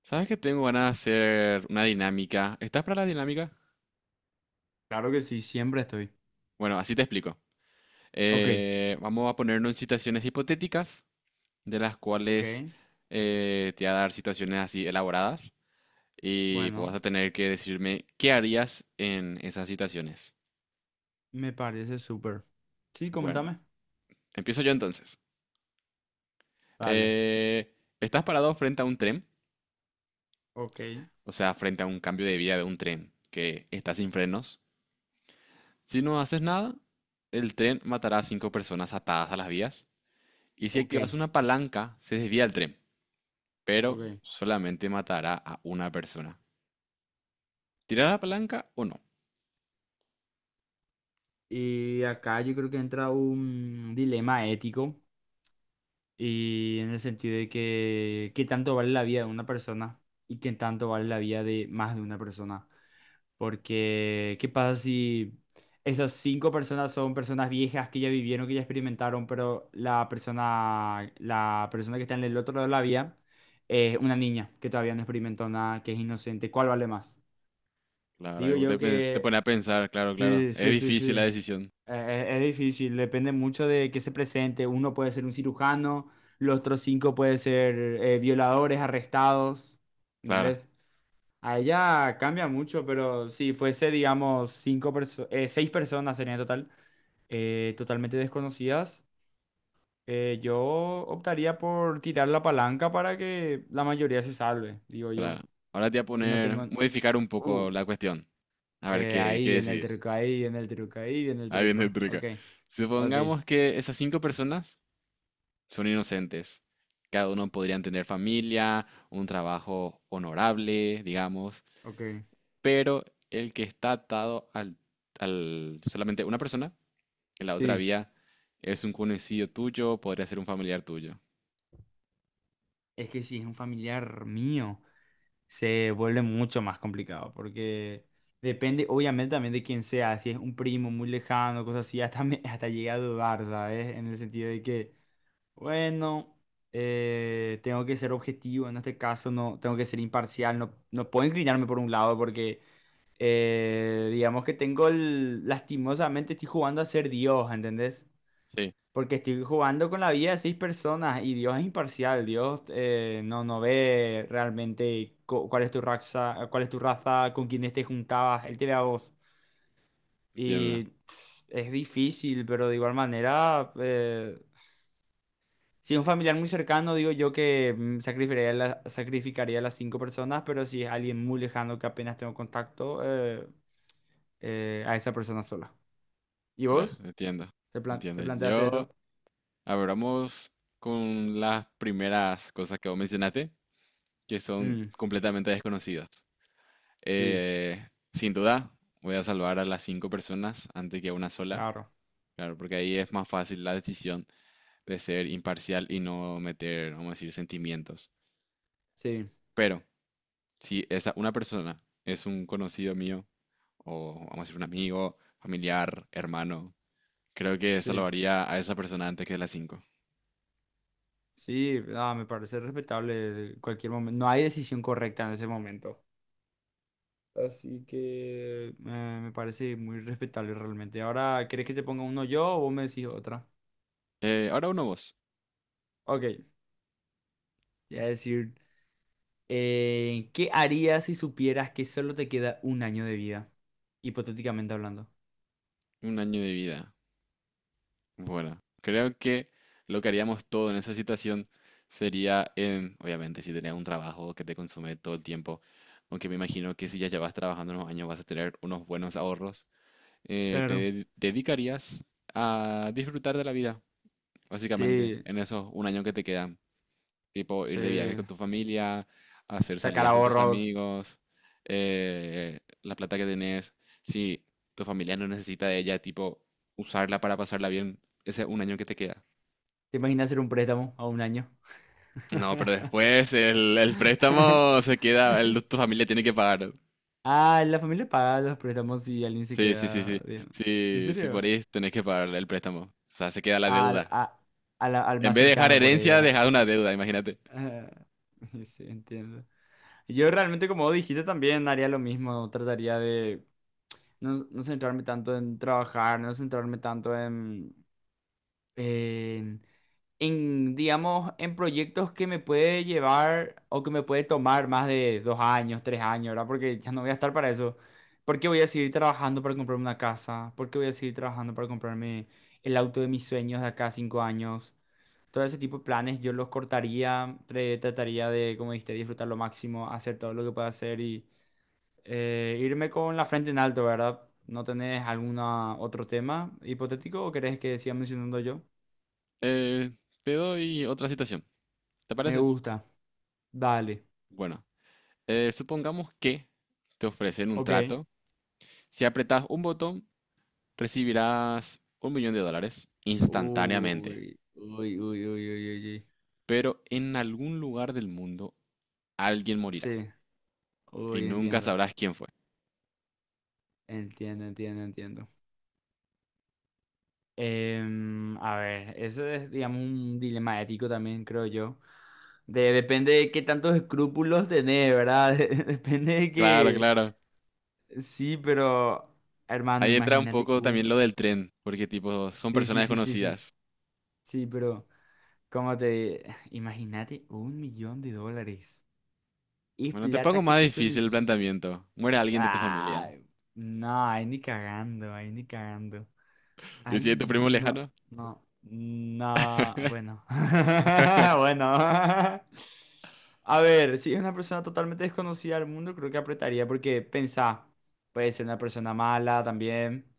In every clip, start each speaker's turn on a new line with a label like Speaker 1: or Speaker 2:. Speaker 1: ¿Sabes que tengo ganas de hacer una dinámica? ¿Estás para la dinámica?
Speaker 2: Claro que sí, siempre estoy.
Speaker 1: Bueno, así te explico.
Speaker 2: Ok,
Speaker 1: Vamos a ponernos en situaciones hipotéticas, de las
Speaker 2: ok,
Speaker 1: cuales te voy a dar situaciones así elaboradas y vos vas
Speaker 2: bueno,
Speaker 1: a tener que decirme qué harías en esas situaciones.
Speaker 2: me parece súper. Sí,
Speaker 1: Bueno,
Speaker 2: coméntame.
Speaker 1: empiezo yo entonces.
Speaker 2: Dale,
Speaker 1: Eh, estás parado frente a un tren,
Speaker 2: ok,
Speaker 1: o sea, frente a un cambio de vía de un tren que está sin frenos. Si no haces nada, el tren matará a cinco personas atadas a las vías. Y si
Speaker 2: ok,
Speaker 1: activas una palanca, se desvía el tren, pero
Speaker 2: ok.
Speaker 1: solamente matará a una persona. ¿Tirar la palanca o no?
Speaker 2: Y acá yo creo que entra un dilema ético y en el sentido de que qué tanto vale la vida de una persona y qué tanto vale la vida de más de una persona. Porque, ¿qué pasa si esas cinco personas son personas viejas que ya vivieron, que ya experimentaron, pero la persona que está en el otro lado de la vía es una niña que todavía no experimentó nada, que es inocente? ¿Cuál vale más?
Speaker 1: La verdad, que
Speaker 2: Digo
Speaker 1: vos
Speaker 2: yo
Speaker 1: te
Speaker 2: que
Speaker 1: pone a pensar, claro, claro.
Speaker 2: sí,
Speaker 1: Es
Speaker 2: sí, sí, sí.
Speaker 1: difícil la decisión.
Speaker 2: Es difícil, depende mucho de qué se presente. Uno puede ser un cirujano, los otros cinco pueden ser violadores, arrestados,
Speaker 1: Claro,
Speaker 2: ¿entendés? A ella cambia mucho, pero si fuese, digamos, seis personas serían en total, totalmente desconocidas, yo optaría por tirar la palanca para que la mayoría se salve, digo yo.
Speaker 1: claro. Ahora te voy a
Speaker 2: Si no
Speaker 1: poner,
Speaker 2: tengo.
Speaker 1: modificar un poco
Speaker 2: Uh,
Speaker 1: la cuestión. A ver qué
Speaker 2: Ahí viene el
Speaker 1: decides.
Speaker 2: truco, ahí viene el truco, ahí viene el
Speaker 1: Ahí
Speaker 2: truco.
Speaker 1: viene el truco.
Speaker 2: Ok, ok,
Speaker 1: Supongamos que esas cinco personas son inocentes. Cada uno podrían tener familia, un trabajo honorable, digamos.
Speaker 2: ok.
Speaker 1: Pero el que está atado al solamente una persona, en la otra
Speaker 2: Sí,
Speaker 1: vía es un conocido tuyo, podría ser un familiar tuyo.
Speaker 2: es que si es un familiar mío, se vuelve mucho más complicado porque depende obviamente también de quién sea, si es un primo muy lejano, cosas así, hasta llegué a dudar, ¿sabes? En el sentido de que, bueno, tengo que ser objetivo en este caso, no, tengo que ser imparcial, no, no puedo inclinarme por un lado porque, digamos que lastimosamente estoy jugando a ser Dios, ¿entendés?
Speaker 1: Sí,
Speaker 2: Porque estoy jugando con la vida de seis personas y Dios es imparcial. Dios no, no ve realmente cuál es tu raza, cuál es tu raza, con quién te juntabas. Él te ve a vos.
Speaker 1: entiendo,
Speaker 2: Y pff, es difícil, pero de igual manera, si es un familiar muy cercano, digo yo que sacrificaría, sacrificaría a las cinco personas, pero si es alguien muy lejano que apenas tengo contacto, a esa persona sola. ¿Y
Speaker 1: claro,
Speaker 2: vos?
Speaker 1: entiendo,
Speaker 2: ¿Te
Speaker 1: entiendo.
Speaker 2: planteaste
Speaker 1: Yo,
Speaker 2: esto?
Speaker 1: abramos con las primeras cosas que vos mencionaste, que son
Speaker 2: Mm,
Speaker 1: completamente desconocidas.
Speaker 2: sí,
Speaker 1: Eh, sin duda, voy a salvar a las cinco personas antes que a una sola,
Speaker 2: claro.
Speaker 1: claro, porque ahí es más fácil la decisión de ser imparcial y no meter, vamos a decir, sentimientos.
Speaker 2: Sí,
Speaker 1: Pero si esa una persona es un conocido mío, o vamos a decir un amigo, familiar, hermano, creo que
Speaker 2: sí.
Speaker 1: salvaría a esa persona antes que las cinco.
Speaker 2: Sí, ah, me parece respetable cualquier momento. No hay decisión correcta en ese momento. Así que me parece muy respetable realmente. Ahora, ¿querés que te ponga uno yo o vos me decís otra?
Speaker 1: Ahora uno vos,
Speaker 2: Ok, te voy a decir, ¿qué harías si supieras que solo te queda un año de vida? Hipotéticamente hablando.
Speaker 1: un año de vida. Bueno, creo que lo que haríamos todo en esa situación sería, obviamente, si tenías un trabajo que te consume todo el tiempo, aunque me imagino que si ya llevas trabajando unos años vas a tener unos buenos ahorros, te
Speaker 2: Claro.
Speaker 1: dedicarías a disfrutar de la vida, básicamente,
Speaker 2: Sí,
Speaker 1: en esos un año que te quedan. Tipo ir
Speaker 2: sí.
Speaker 1: de viaje con tu familia, hacer
Speaker 2: Sacar
Speaker 1: salidas con tus
Speaker 2: ahorros.
Speaker 1: amigos, la plata que tenés. Si tu familia no necesita de ella, tipo usarla para pasarla bien, ese un año que te queda.
Speaker 2: ¿Te imaginas hacer un préstamo a un año?
Speaker 1: No, pero después el, préstamo se queda, tu familia tiene que pagar.
Speaker 2: Ah, la familia paga los préstamos si alguien se
Speaker 1: Sí, sí, sí,
Speaker 2: queda
Speaker 1: sí.
Speaker 2: bien. ¿En
Speaker 1: Sí, si
Speaker 2: serio?
Speaker 1: morís, tenés que pagar el préstamo. O sea, se queda la
Speaker 2: al,
Speaker 1: deuda.
Speaker 2: a- al
Speaker 1: En
Speaker 2: más
Speaker 1: vez de dejar
Speaker 2: cercano por ahí,
Speaker 1: herencia,
Speaker 2: ¿verdad?
Speaker 1: dejar una deuda, imagínate.
Speaker 2: Ah, sí, entiendo. Yo realmente, como vos dijiste, también haría lo mismo. Trataría de no, no centrarme tanto en trabajar, no centrarme tanto en, en, digamos, en proyectos que me puede llevar o que me puede tomar más de 2 años, 3 años, ¿verdad? Porque ya no voy a estar para eso. ¿Porque voy a seguir trabajando para comprarme una casa? ¿Porque voy a seguir trabajando para comprarme el auto de mis sueños de acá a 5 años? Todo ese tipo de planes yo los cortaría, trataría de, como dijiste, disfrutar lo máximo, hacer todo lo que pueda hacer y irme con la frente en alto, ¿verdad? ¿No tenés algún otro tema hipotético o querés que siga mencionando yo?
Speaker 1: Eh, te doy otra situación. ¿Te
Speaker 2: Me
Speaker 1: parece?
Speaker 2: gusta. Dale.
Speaker 1: Bueno, supongamos que te ofrecen un
Speaker 2: Ok.
Speaker 1: trato. Si apretas un botón, recibirás $1 millón
Speaker 2: Uy,
Speaker 1: instantáneamente.
Speaker 2: uy, uy, uy, uy, uy, uy.
Speaker 1: Pero en algún lugar del mundo alguien morirá
Speaker 2: Sí,
Speaker 1: y
Speaker 2: uy,
Speaker 1: nunca
Speaker 2: entiendo.
Speaker 1: sabrás quién fue.
Speaker 2: Entiendo, entiendo, entiendo. A ver, eso es, digamos, un dilema ético también, creo yo. Depende de qué tantos escrúpulos tenés, ¿verdad? Depende de
Speaker 1: Claro,
Speaker 2: que.
Speaker 1: claro.
Speaker 2: Sí, pero. Hermano,
Speaker 1: Ahí entra un
Speaker 2: imagínate
Speaker 1: poco
Speaker 2: un.
Speaker 1: también lo del tren, porque tipo, son
Speaker 2: Sí,
Speaker 1: personas
Speaker 2: sí, sí, sí, sí. Sí,
Speaker 1: desconocidas.
Speaker 2: sí, pero. Cómo te. Imagínate un millón de dólares. Es
Speaker 1: Bueno, te
Speaker 2: plata
Speaker 1: pongo
Speaker 2: que
Speaker 1: más
Speaker 2: te
Speaker 1: difícil el
Speaker 2: soluciona.
Speaker 1: planteamiento. Muere alguien de tu familia.
Speaker 2: Ay, no, ahí ni cagando, ahí ni cagando.
Speaker 1: ¿Y
Speaker 2: Ay,
Speaker 1: si es tu primo
Speaker 2: no,
Speaker 1: lejano?
Speaker 2: no, no, bueno, bueno. A ver, si es una persona totalmente desconocida al mundo, creo que apretaría porque pensá, puede ser una persona mala también,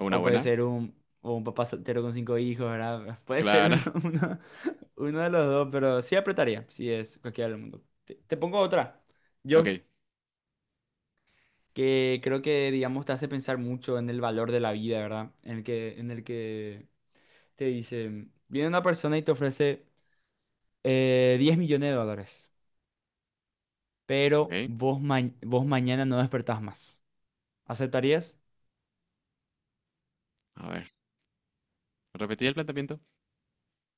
Speaker 1: ¿O una
Speaker 2: o puede
Speaker 1: buena?
Speaker 2: ser o un papá soltero con cinco hijos, ¿verdad? Puede ser
Speaker 1: Claro.
Speaker 2: uno, uno de los dos, pero sí apretaría, si es cualquiera del mundo. Te pongo otra,
Speaker 1: Ok,
Speaker 2: yo, que creo que, digamos, te hace pensar mucho en el valor de la vida, ¿verdad? En el que te dice, viene una persona y te ofrece 10 millones de dólares, pero
Speaker 1: ok.
Speaker 2: vos mañana no despertás más. ¿Aceptarías?
Speaker 1: A ver, repetí el planteamiento.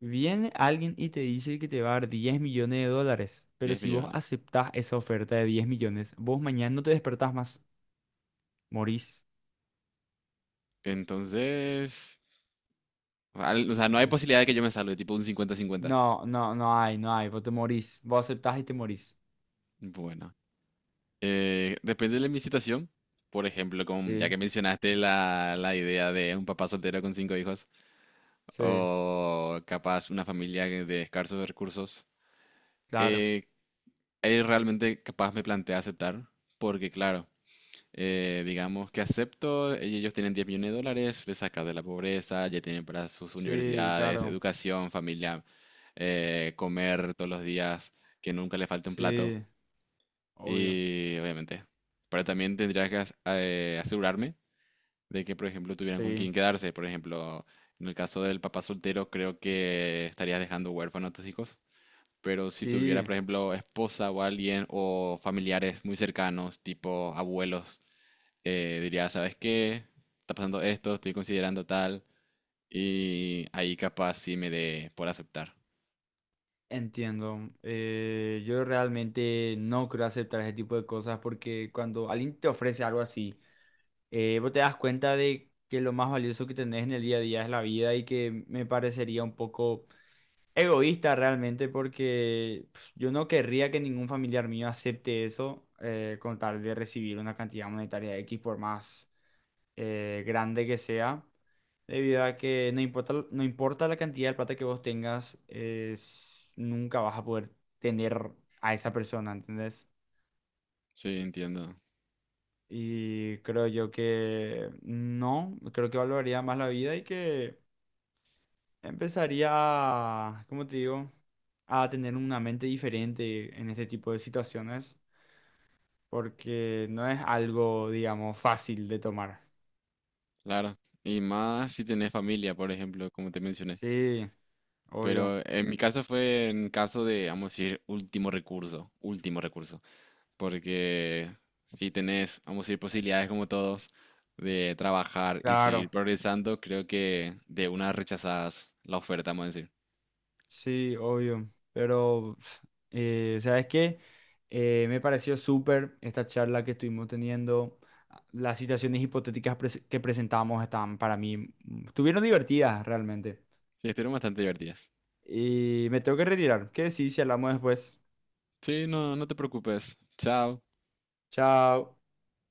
Speaker 2: Viene alguien y te dice que te va a dar 10 millones de dólares, pero
Speaker 1: 10
Speaker 2: si vos
Speaker 1: millones.
Speaker 2: aceptás esa oferta de 10 millones, vos mañana no te despertás más. Morís.
Speaker 1: Entonces, o sea, no hay
Speaker 2: De-
Speaker 1: posibilidad de que yo me salve, tipo un 50-50.
Speaker 2: No, no, no hay, no hay. Vos te morís. Vos aceptás y te morís.
Speaker 1: Bueno, depende de mi situación. Por ejemplo, ya
Speaker 2: Sí,
Speaker 1: que mencionaste la idea de un papá soltero con cinco hijos,
Speaker 2: sí,
Speaker 1: o capaz una familia de escasos recursos,
Speaker 2: claro.
Speaker 1: eh, ahí realmente capaz me plantea aceptar, porque claro, digamos que acepto, ellos tienen $10 millones, les saca de la pobreza, ya tienen para sus
Speaker 2: Sí,
Speaker 1: universidades,
Speaker 2: claro.
Speaker 1: educación, familia, comer todos los días, que nunca le falte un plato.
Speaker 2: Sí, obvio.
Speaker 1: Y obviamente, pero también tendría que asegurarme de que, por ejemplo, tuvieran con quién
Speaker 2: Sí,
Speaker 1: quedarse. Por ejemplo, en el caso del papá soltero, creo que estarías dejando huérfanos a tus hijos. Pero si tuviera,
Speaker 2: sí.
Speaker 1: por ejemplo, esposa o alguien o familiares muy cercanos, tipo abuelos, diría, ¿sabes qué? Está pasando esto, estoy considerando tal. Y ahí capaz sí me dé por aceptar.
Speaker 2: Entiendo. Yo realmente no creo aceptar ese tipo de cosas porque cuando alguien te ofrece algo así, vos te das cuenta de que lo más valioso que tenés en el día a día es la vida y que me parecería un poco egoísta realmente porque yo no querría que ningún familiar mío acepte eso con tal de recibir una cantidad monetaria X por más grande que sea, debido a que no importa, no importa la cantidad de plata que vos tengas, nunca vas a poder tener a esa persona, ¿entendés?
Speaker 1: Sí, entiendo.
Speaker 2: Y creo yo que no, creo que valoraría más la vida y que empezaría a, ¿cómo te digo? A tener una mente diferente en este tipo de situaciones, porque no es algo, digamos, fácil de tomar.
Speaker 1: Claro. Y más si tenés familia, por ejemplo, como te mencioné.
Speaker 2: Sí, obvio,
Speaker 1: Pero en mi caso fue en caso de, vamos a decir, último recurso. Último recurso. Porque si tenés, vamos a decir, posibilidades como todos de trabajar y seguir
Speaker 2: claro.
Speaker 1: progresando, creo que de unas rechazadas la oferta, vamos a decir.
Speaker 2: Sí, obvio. Pero, ¿sabes qué? Me pareció súper esta charla que estuvimos teniendo. Ah, las situaciones hipotéticas que presentamos estaban para mí, estuvieron divertidas realmente.
Speaker 1: Sí, estuvieron bastante divertidas.
Speaker 2: Y me tengo que retirar. ¿Qué decís si hablamos después?
Speaker 1: Sí, no, no te preocupes. Chao.
Speaker 2: Chao.